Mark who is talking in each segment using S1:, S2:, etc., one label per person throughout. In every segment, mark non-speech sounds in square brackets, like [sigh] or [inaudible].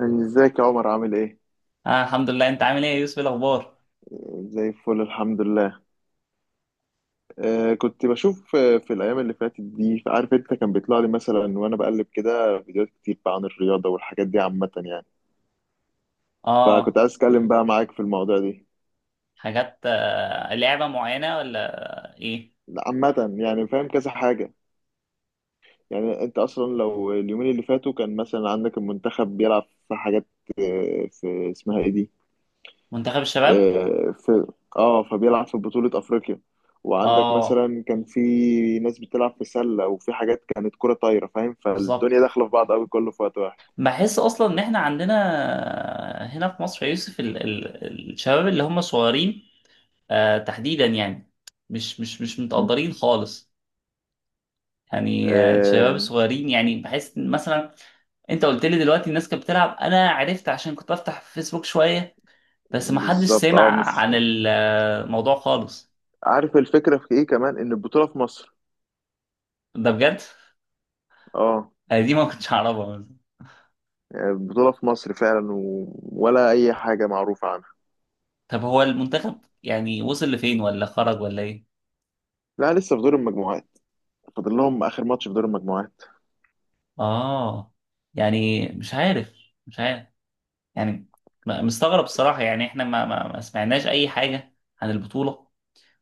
S1: ازيك يا عمر؟ عامل ايه؟
S2: آه، الحمد لله. انت عامل ايه يا يوسف؟ إيه الاخبار؟
S1: زي الفل الحمد لله. آه، كنت بشوف، في الايام اللي فاتت دي، عارف انت، كان بيطلع لي مثلا وانا بقلب كده فيديوهات كتير بقى عن الرياضة والحاجات دي عامة يعني.
S2: اه
S1: فكنت عايز اتكلم بقى معاك في الموضوع دي.
S2: حاجات، آه، لعبة معينة ولا ايه؟
S1: لا، عامة يعني فاهم كذا حاجة. يعني انت اصلا لو اليومين اللي فاتوا كان مثلا عندك المنتخب بيلعب في حاجات. في اسمها ايه دي؟
S2: منتخب الشباب،
S1: آه، في اه فبيلعب في بطولة افريقيا. وعندك
S2: اه.
S1: مثلا كان في ناس بتلعب في سلة وفي حاجات كانت كرة طايرة، فاهم؟
S2: بالظبط،
S1: فالدنيا داخلة في بعض قوي كله في وقت واحد.
S2: بحس اصلا ان احنا عندنا، هنا في مصر يا يوسف، ال الشباب اللي هم صغيرين، آه، تحديدا يعني مش
S1: م.
S2: متقدرين خالص. يعني الشباب
S1: آه،
S2: الصغيرين، يعني بحس إن مثلا انت قلت لي دلوقتي الناس كانت بتلعب. انا عرفت عشان كنت افتح في فيسبوك شوية، بس ما حدش
S1: بالظبط.
S2: سمع
S1: اه. مش
S2: عن الموضوع خالص.
S1: عارف الفكرة في ايه كمان، ان البطولة في مصر.
S2: ده بجد
S1: اه.
S2: أنا دي ما كنتش أعرفها مثلا.
S1: يعني البطولة في مصر فعلا ولا اي حاجة معروفة عنها.
S2: طب هو المنتخب يعني وصل لفين ولا خرج ولا إيه؟
S1: لا، لسه في دور المجموعات. فاضل لهم اخر ماتش في دور المجموعات.
S2: آه، يعني مش عارف، مش عارف. يعني مستغرب الصراحة. يعني إحنا ما سمعناش أي حاجة عن البطولة،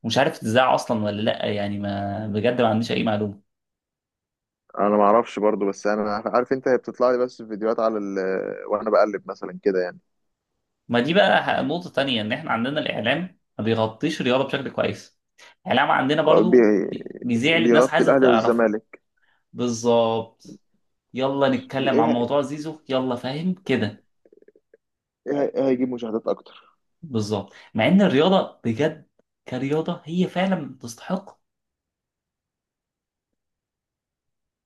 S2: ومش عارف تتذاع أصلا ولا لأ. يعني ما بجد ما عنديش أي معلومة.
S1: انا ما اعرفش برضو، بس انا عارف انت، هي بتطلع لي بس في فيديوهات على وانا بقلب مثلا كده يعني.
S2: ما دي بقى نقطة تانية، إن إحنا عندنا الإعلام ما بيغطيش الرياضة بشكل كويس. الإعلام عندنا
S1: هو
S2: برضو
S1: بي-
S2: بيذيع اللي الناس
S1: بيغطي
S2: عايزة
S1: الاهلي
S2: تعرفه.
S1: والزمالك.
S2: بالظبط، يلا
S1: بي-
S2: نتكلم
S1: ايه
S2: عن
S1: هي-
S2: موضوع زيزو، يلا، فاهم كده.
S1: إيه هيجيب مشاهدات اكتر.
S2: بالظبط، مع ان الرياضه بجد كرياضه هي فعلا تستحق.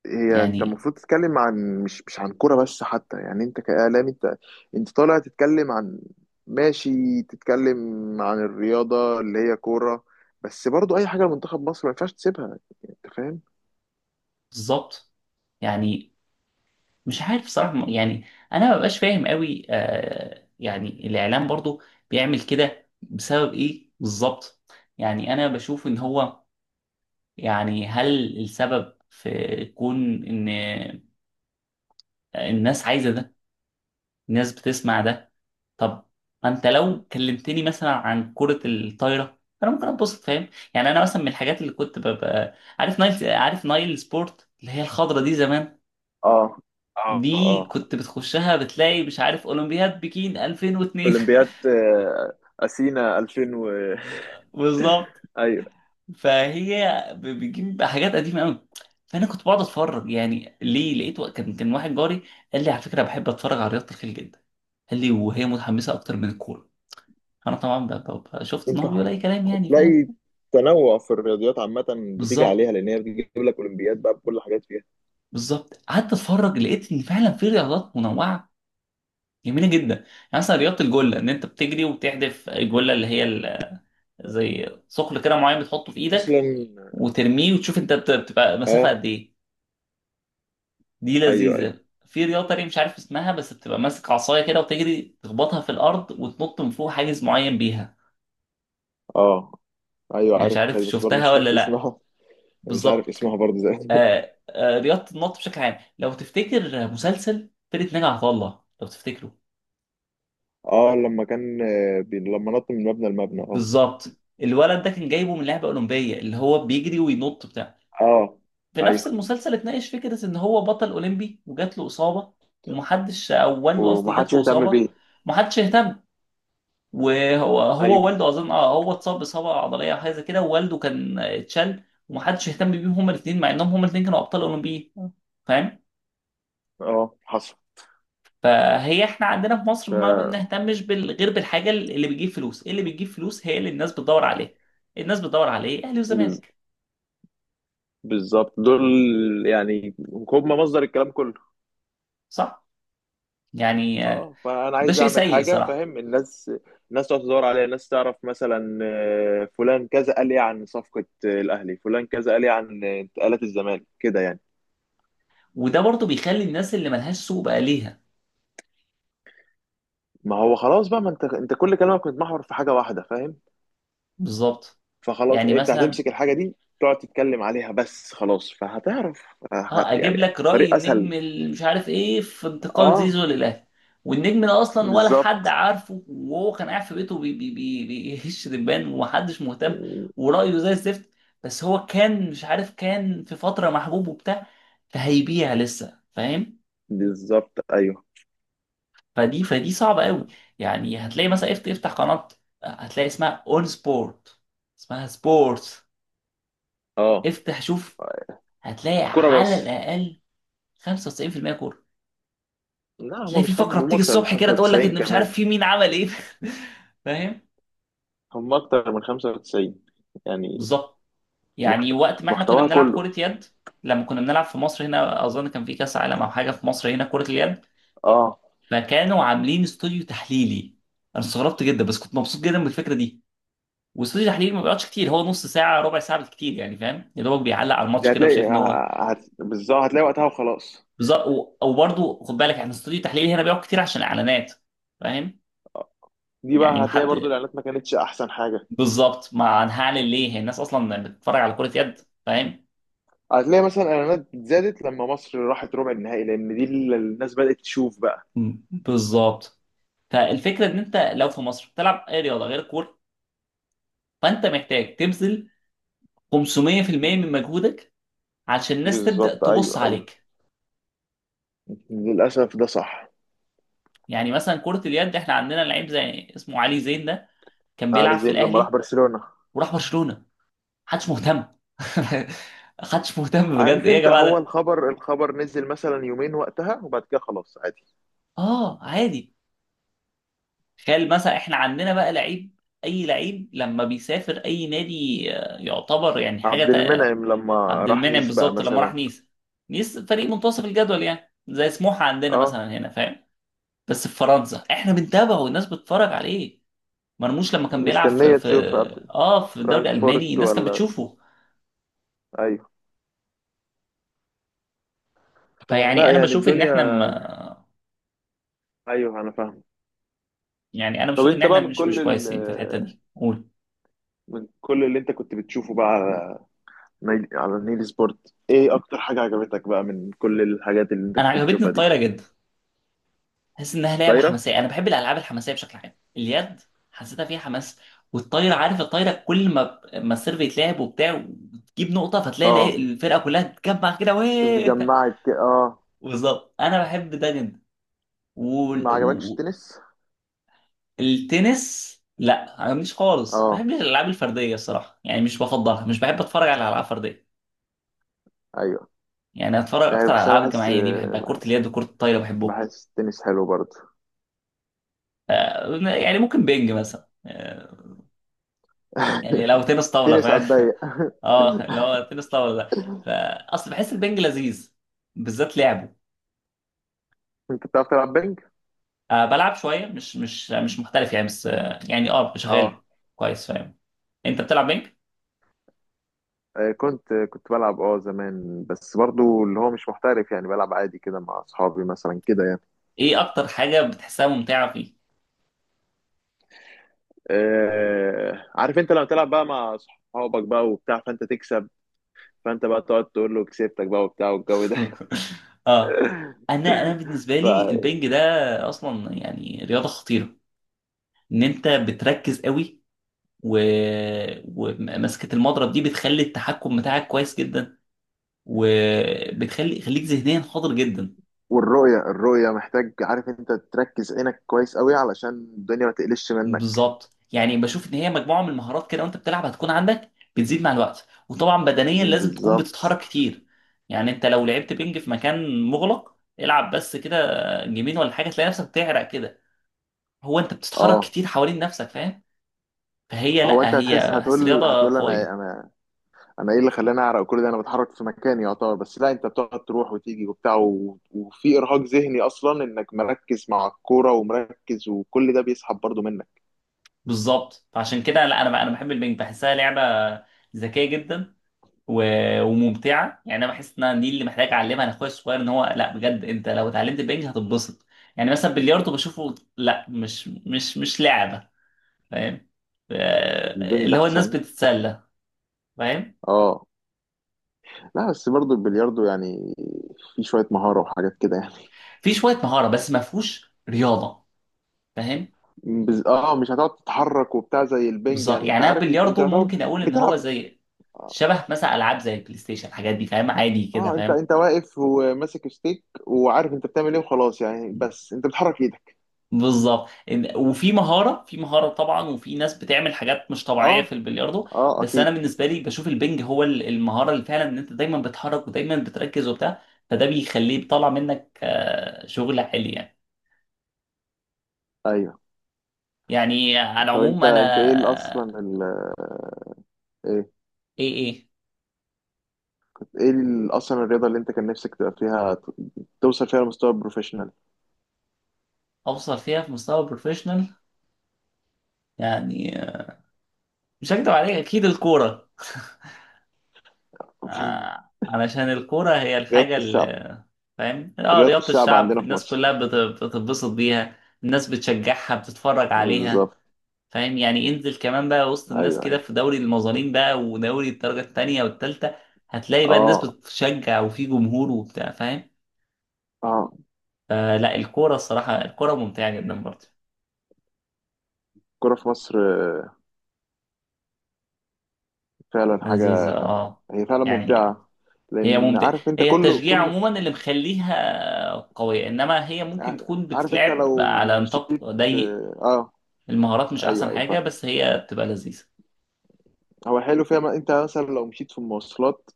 S1: هي انت
S2: يعني
S1: المفروض تتكلم عن مش مش عن كوره بس، حتى يعني انت كاعلامي انت. انت طالع تتكلم عن، ماشي، تتكلم عن الرياضه اللي هي كوره، بس برضو اي حاجه لمنتخب مصر ما ينفعش تسيبها، انت فاهم؟
S2: بالظبط، يعني مش عارف صراحه. يعني انا ما ببقاش فاهم قوي، آه، يعني الاعلام برضو بيعمل كده بسبب ايه بالظبط؟ يعني انا بشوف ان هو، يعني هل السبب في كون ان الناس عايزه ده، الناس بتسمع ده؟ طب انت لو كلمتني مثلا عن كرة الطايرة انا ممكن اتبسط، فاهم؟ يعني انا مثلا من الحاجات اللي كنت ببقى عارف نايل، عارف نايل سبورت اللي هي الخضرة دي زمان؟
S1: اه اه
S2: دي
S1: اه.
S2: كنت بتخشها بتلاقي مش عارف اولمبياد بكين 2002.
S1: اولمبياد اثينا 2000 و
S2: [laughs] بالظبط.
S1: [laughs] ايوه.
S2: فهي بتجيب حاجات قديمة قوي. فانا كنت بقعد اتفرج. يعني ليه؟ لقيت كان واحد جاري قال لي على فكرة بحب اتفرج على رياضة الخيل جدا، قال لي وهي متحمسة اكتر من الكورة. انا طبعا شفت ان هو بيقول اي كلام، يعني فاهم.
S1: هتلاقي تنوع في الرياضيات عامة. بتيجي
S2: بالظبط،
S1: عليها لأن هي بتجيب لك أولمبياد بقى بكل حاجات فيها.
S2: بالظبط. قعدت اتفرج لقيت ان فعلا في رياضات منوعه جميله جدا. يعني مثلا رياضه الجله، ان انت بتجري وبتحدف الجله اللي هي
S1: طب
S2: زي ثقل كده معين بتحطه في ايدك
S1: أصلا.
S2: وترميه وتشوف انت بتبقى مسافه
S1: اه.
S2: قد ايه. دي
S1: أيوه أيوه.
S2: لذيذه. في رياضه تانية مش عارف اسمها، بس بتبقى ماسك عصايه كده وتجري تخبطها في الارض وتنط من فوق حاجز معين بيها،
S1: اه. أيوه،
S2: يعني مش
S1: عارف هذه
S2: عارف
S1: بس برضه
S2: شفتها
S1: مش
S2: ولا
S1: عارف
S2: لا.
S1: اسمها. [laughs] مش عارف
S2: بالظبط.
S1: اسمها برضه زي [laughs]
S2: آه آه، رياضه النط بشكل عام، لو تفتكر مسلسل فرقه ناجي عطا الله، لو تفتكره.
S1: اه لما كان، لما نط من مبنى لمبنى، اه.
S2: بالظبط، الولد ده كان جايبه من لعبه اولمبيه، اللي هو بيجري وينط بتاع
S1: اه.
S2: في نفس
S1: أيوه.
S2: المسلسل اتناقش فكره ان هو بطل اولمبي وجات له اصابه، ومحدش، او والده قصدي جات
S1: ومحدش
S2: له
S1: يهتم
S2: اصابه
S1: بيه.
S2: ومحدش اهتم. وهو
S1: أيوه.
S2: والده اظن، اه، هو اتصاب باصابه عضليه او حاجه زي كده، ووالده كان اتشل ومحدش اهتم بيهم هما الاثنين، مع انهم هما الاثنين كانوا ابطال اولمبيين، فاهم.
S1: اه، حصل.
S2: فهي احنا عندنا في مصر ما
S1: ف-
S2: بنهتمش غير بالحاجه اللي بتجيب فلوس. إيه اللي بتجيب فلوس هي اللي الناس بتدور عليها. الناس بتدور على ايه؟ اهلي
S1: بز-
S2: وزمالك.
S1: بالظبط، دول يعني هم مصدر الكلام كله.
S2: صح، يعني،
S1: اه، فانا
S2: ده
S1: عايز
S2: شيء
S1: اعمل
S2: سيء
S1: حاجه،
S2: صراحة.
S1: فاهم؟ الناس الناس تقعد تدور عليا، الناس تعرف مثلا فلان كذا قال ايه عن صفقه، الاهلي، فلان كذا قال ايه عن انتقالات الزمالك كده يعني.
S2: وده برضو بيخلي الناس اللي ملهاش سوق بقى ليها.
S1: ما هو خلاص بقى، ما انت كل كلامك متمحور في حاجه واحده، فاهم؟
S2: بالظبط.
S1: فخلاص
S2: يعني
S1: انت
S2: مثلا
S1: هتمسك الحاجه دي، تقعد تتكلم عليها بس خلاص فهتعرف.
S2: اه اجيب
S1: يعني
S2: لك رأي
S1: طريق
S2: النجم
S1: اسهل.
S2: اللي مش عارف ايه في انتقال
S1: اه.
S2: زيزو للاهلي، والنجم ده اصلا ولا حد
S1: بالظبط.
S2: عارفه، وهو كان قاعد في بيته بي بي بي بيهش دبان ومحدش مهتم، ورأيه زي الزفت. بس هو كان، مش عارف، كان في فترة محبوب وبتاع، فهيبيع لسه، فاهم.
S1: بالظبط ايوه.
S2: فدي صعبة قوي. يعني هتلاقي مثلا افتح قناة، هتلاقي اسمها اون سبورت، اسمها سبورتس،
S1: اه.
S2: افتح شوف، هتلاقي
S1: كرة
S2: على
S1: بس.
S2: الأقل 95% كورة.
S1: لا هما
S2: تلاقي في
S1: مش خمسة،
S2: فقرة
S1: هما
S2: بتيجي
S1: أكتر من
S2: الصبح كده تقول لك
S1: 95%
S2: ان مش عارف
S1: كمان.
S2: في مين عمل ايه. [laughs] فاهم.
S1: هم اكتر من 95 يعني.
S2: بالظبط.
S1: محت...
S2: يعني وقت ما احنا كنا
S1: محتواها
S2: بنلعب
S1: كله.
S2: كرة يد، لما كنا بنلعب في مصر هنا، اظن كان في كاس عالم او حاجة في مصر هنا كرة اليد،
S1: اه،
S2: فكانوا عاملين استوديو تحليلي. انا استغربت جدا بس كنت مبسوط جدا بالفكرة دي. واستوديو تحليل ما بيقعدش كتير، هو نص ساعه، ربع ساعه بالكتير، يعني فاهم، يا دوبك بيعلق على الماتش
S1: دي
S2: كده،
S1: هتلاقي
S2: وشايف ان هو
S1: بالظبط هتلاقي وقتها وخلاص.
S2: بالظبط. او برضه خد بالك احنا استوديو التحليل هنا بيقعد كتير عشان الاعلانات، فاهم.
S1: دي
S2: يعني
S1: بقى هتلاقي برضو
S2: محد،
S1: الاعلانات ما كانتش احسن حاجه.
S2: بالظبط، ما هنعلن ليه، هي الناس اصلا بتتفرج على كره يد؟ فاهم.
S1: هتلاقي مثلا الاعلانات زادت لما مصر راحت ربع النهائي، لان دي اللي الناس بدات تشوف بقى.
S2: بالظبط. فالفكره ان انت لو في مصر بتلعب اي رياضه غير الكوره، فانت محتاج تبذل 500% من مجهودك عشان الناس تبدا
S1: بالظبط
S2: تبص
S1: ايوه ايوه،
S2: عليك.
S1: للاسف ده صح.
S2: يعني مثلا كره اليد احنا عندنا لعيب زي اسمه علي زين ده، كان
S1: علي
S2: بيلعب في
S1: زين لما راح
S2: الاهلي
S1: برشلونه،
S2: وراح برشلونه، محدش مهتم. [laughs] محدش مهتم بجد.
S1: عارف
S2: ايه يا
S1: انت،
S2: جماعه
S1: هو
S2: ده.
S1: الخبر، الخبر نزل مثلا يومين وقتها وبعد كده خلاص عادي.
S2: اه، عادي. تخيل مثلا احنا عندنا بقى لعيب، اي لعيب لما بيسافر اي نادي، آه، يعتبر يعني حاجه
S1: عبد المنعم لما
S2: عبد
S1: راح
S2: المنعم
S1: نيس بقى
S2: بالظبط لما راح
S1: مثلا.
S2: نيس، نيس فريق منتصف الجدول يعني زي سموحه عندنا
S1: اه.
S2: مثلا هنا، فاهم. بس في فرنسا احنا بنتابعه والناس بتتفرج عليه. مرموش لما كان بيلعب في
S1: مستنيه
S2: في
S1: تشوف.
S2: اه في الدوري الالماني
S1: فرانكفورت
S2: الناس كانت
S1: ولا؟
S2: بتشوفه.
S1: ايوه.
S2: فيعني
S1: فلا
S2: انا
S1: يعني
S2: بشوف ان
S1: الدنيا،
S2: احنا م...
S1: ايوه انا فاهم.
S2: يعني انا
S1: طب
S2: بشوف ان
S1: انت
S2: احنا
S1: بقى من
S2: مش
S1: كل
S2: مش كويسين في الحته دي، قول.
S1: من كل اللي انت كنت بتشوفه بقى على على نيل سبورت، ايه اكتر حاجة عجبتك بقى من كل الحاجات اللي انت
S2: انا
S1: كنت
S2: عجبتني
S1: بتشوفها دي؟
S2: الطايره جدا، حاسس انها لعبه
S1: طايرة.
S2: حماسيه. انا بحب الالعاب الحماسيه بشكل عام، اليد حسيتها فيها حماس. والطايره، عارف الطايره كل ما السيرف يتلعب وبتاع وتجيب نقطه، فتلاقي
S1: اه.
S2: الفرقه كلها تجمع كده ويه.
S1: اه.
S2: [laughs] بالظبط، انا بحب ده جدا.
S1: ما عجبكش
S2: والتنس،
S1: التنس؟
S2: لا، ما عجبنيش خالص، ما
S1: اه
S2: بحبش الالعاب الفرديه الصراحه، يعني مش بفضلها، مش بحب اتفرج على العاب فرديه.
S1: ايوه.
S2: يعني اتفرج
S1: مش
S2: اكتر
S1: عارف
S2: على
S1: بس انا
S2: الالعاب
S1: بحس،
S2: الجماعيه، دي بحبها، كره
S1: بح-
S2: اليد وكره الطايره بحبهم.
S1: بحس التنس حلو برضه.
S2: آه، يعني ممكن بينج مثلا، آه، يعني لو
S1: [laughs]
S2: تنس طاولة،
S1: التنس على
S2: فاهم.
S1: الضيق.
S2: [laughs] اه اللي هو تنس طاولة ده، فأصل بحس البنج لذيذ، بالذات لعبه.
S1: [laughs] انت بتعرف تلعب بينج؟
S2: آه، بلعب شوية، مش محترف يعني، بس آه يعني اه
S1: اه.
S2: شغال كويس، فاهم. انت بتلعب بنج؟
S1: كنت بلعب اه زمان، بس برضو اللي هو مش محترف، يعني بلعب عادي كده مع اصحابي مثلا كده يعني.
S2: ايه اكتر حاجة بتحسها ممتعة فيه؟
S1: عارف انت، لما تلعب بقى مع اصحابك بقى وبتاع فانت تكسب، فانت بقى تقعد تقول له كسبتك بقى وبتاع والجو ده.
S2: [laughs] اه. انا انا بالنسبة
S1: [laughs] ف،
S2: لي البنج ده اصلا يعني رياضة خطيرة. ان انت بتركز قوي، و... ومسكة المضرب دي بتخلي التحكم بتاعك كويس جدا، وبتخلي خليك ذهنيا حاضر جدا.
S1: والرؤية الرؤية محتاج، عارف انت، تركز عينك كويس قوي علشان الدنيا ما تقلش منك.
S2: بالظبط، يعني بشوف ان هي مجموعه من المهارات كده، وانت بتلعب هتكون عندك، بتزيد مع الوقت. وطبعا بدنيا لازم تكون
S1: بالظبط
S2: بتتحرك كتير. يعني انت لو لعبت بينج في مكان مغلق، العب بس كده جيمين ولا حاجه، تلاقي نفسك بتعرق كده. هو انت بتتحرك
S1: اه.
S2: كتير حوالين نفسك، فاهم. فهي،
S1: هو انت
S2: لا،
S1: هتحس،
S2: هي بحس
S1: هتقول
S2: رياضه
S1: هتقول انا،
S2: قويه.
S1: انا ايه اللي خلاني اعرق كل ده؟ انا بتحرك في مكاني يعتبر، بس لا، انت بتقعد تروح وتيجي وبتاع وفي ارهاق ذهني اصلا انك مركز مع الكوره ومركز وكل ده بيسحب برضو منك.
S2: بالظبط، فعشان كده لا، انا انا بحب البينج، بحسها لعبه ذكيه جدا، وممتعه. يعني انا بحس ان أنا دي اللي محتاج اعلمها لاخويا الصغير، ان هو لا بجد انت لو اتعلمت البنج هتتبسط. يعني مثلا بلياردو بشوفه لا، مش لعبه، فاهم، آه،
S1: البنج
S2: اللي هو الناس
S1: احسن.
S2: بتتسلى، فاهم.
S1: اه. لا بس برضو البلياردو يعني في شويه مهاره وحاجات كده يعني.
S2: في شويه مهاره، بس ما فيهوش رياضه، فاهم.
S1: اه، مش هتقعد تتحرك وبتاع زي البنج
S2: بالظبط،
S1: يعني، انت
S2: يعني انا
S1: عارف انت، انت
S2: بلياردو
S1: يعتبر
S2: ممكن اقول ان هو
S1: بتلعب.
S2: زي شبه مثلا العاب زي البلاي ستيشن، الحاجات دي فاهم، عادي كده،
S1: اه، انت
S2: فاهم.
S1: انت واقف وماسك ستيك وعارف انت بتعمل ايه وخلاص يعني، بس انت بتحرك ايدك.
S2: بالظبط، وفي مهاره، في مهاره طبعا، وفي ناس بتعمل حاجات مش طبيعيه في
S1: اه.
S2: البلياردو.
S1: اه
S2: بس انا
S1: اكيد.
S2: بالنسبه لي بشوف البنج هو المهاره اللي فعلا ان انت دايما بتحرك ودايما بتركز وبتاع، فده بيخليه بيطلع منك آه، شغل عالي يعني.
S1: ايوه.
S2: يعني على
S1: طب
S2: العموم
S1: انت
S2: انا،
S1: ايه ال- اصلا ال... ايه
S2: ايه ايه،
S1: ايه ال- اصلا الرياضه اللي انت كان نفسك تبقى فيها، توصل فيها لمستوى بروفيشنال؟
S2: اوصل فيها في مستوى بروفيشنال. يعني آه، مش هكدب عليك، اكيد الكوره. [laughs]
S1: [laughs]
S2: آه، علشان الكورة هي
S1: رياضه
S2: الحاجة
S1: الشعب.
S2: اللي، فاهم، اه،
S1: رياضه
S2: رياضة
S1: الشعب
S2: الشعب،
S1: عندنا في
S2: الناس
S1: مصر.
S2: كلها بتتبسط بيها، الناس بتشجعها، بتتفرج عليها،
S1: بالظبط
S2: فاهم. يعني انزل كمان بقى وسط الناس
S1: ايوه
S2: كده
S1: ايوه.
S2: في دوري المظالم بقى ودوري الدرجة التانية والتالتة، هتلاقي بقى الناس
S1: اه.
S2: بتشجع، وفي جمهور وبتاع، فاهم.
S1: اه،
S2: فلا الكورة الصراحة، الكورة ممتعة جدا برضه،
S1: الكوره في مصر فعلا حاجه.
S2: لذيذة، اه.
S1: هي فعلا
S2: يعني
S1: ممتعه،
S2: هي
S1: لان
S2: ممتعة،
S1: عارف انت
S2: هي
S1: كله
S2: التشجيع
S1: كله،
S2: عموما اللي مخليها قوية، انما هي ممكن تكون
S1: عارف انت
S2: بتتلعب
S1: لو
S2: على نطاق
S1: مشيت.
S2: ضيق،
S1: اه
S2: المهارات مش
S1: ايوه
S2: احسن
S1: ايوه
S2: حاجه،
S1: فاهم.
S2: بس هي بتبقى لذيذه.
S1: هو حلو فيها، ما انت مثلا لو مشيت في المواصلات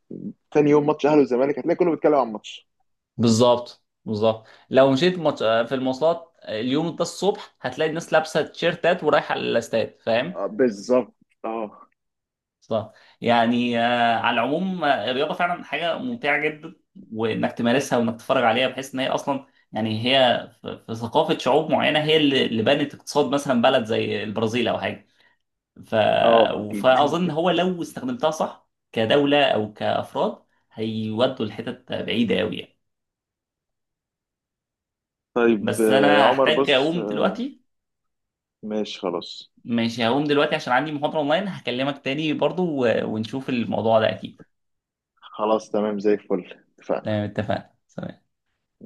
S1: تاني يوم ماتش اهلي والزمالك هتلاقي كله بيتكلم عن الماتش.
S2: بالظبط، بالظبط، لو مشيت في المواصلات اليوم ده الصبح، هتلاقي الناس لابسه تيشيرتات ورايحه الاستاد، فاهم.
S1: بالظبط. اه.
S2: صح. يعني آه، على العموم آه، الرياضه فعلا حاجه ممتعه جدا، وانك تمارسها وانك تتفرج عليها، بحيث ان هي اصلا، يعني هي في ثقافه شعوب معينه هي اللي بنت اقتصاد مثلا بلد زي البرازيل او حاجه. ف...
S1: اه اكيد.
S2: فاظن
S1: [laughs]
S2: هو لو استخدمتها صح كدوله او كافراد هيودوا لحتت بعيده قوي يعني.
S1: طيب،
S2: بس انا
S1: عمر
S2: هحتاج
S1: بص،
S2: اقوم دلوقتي.
S1: ماشي خلاص.
S2: ماشي، هقوم دلوقتي عشان عندي محاضرة اونلاين، هكلمك تاني برضو ونشوف الموضوع ده اكيد.
S1: خلاص تمام زي الفل اتفقنا.
S2: تمام، اتفقنا، سلام.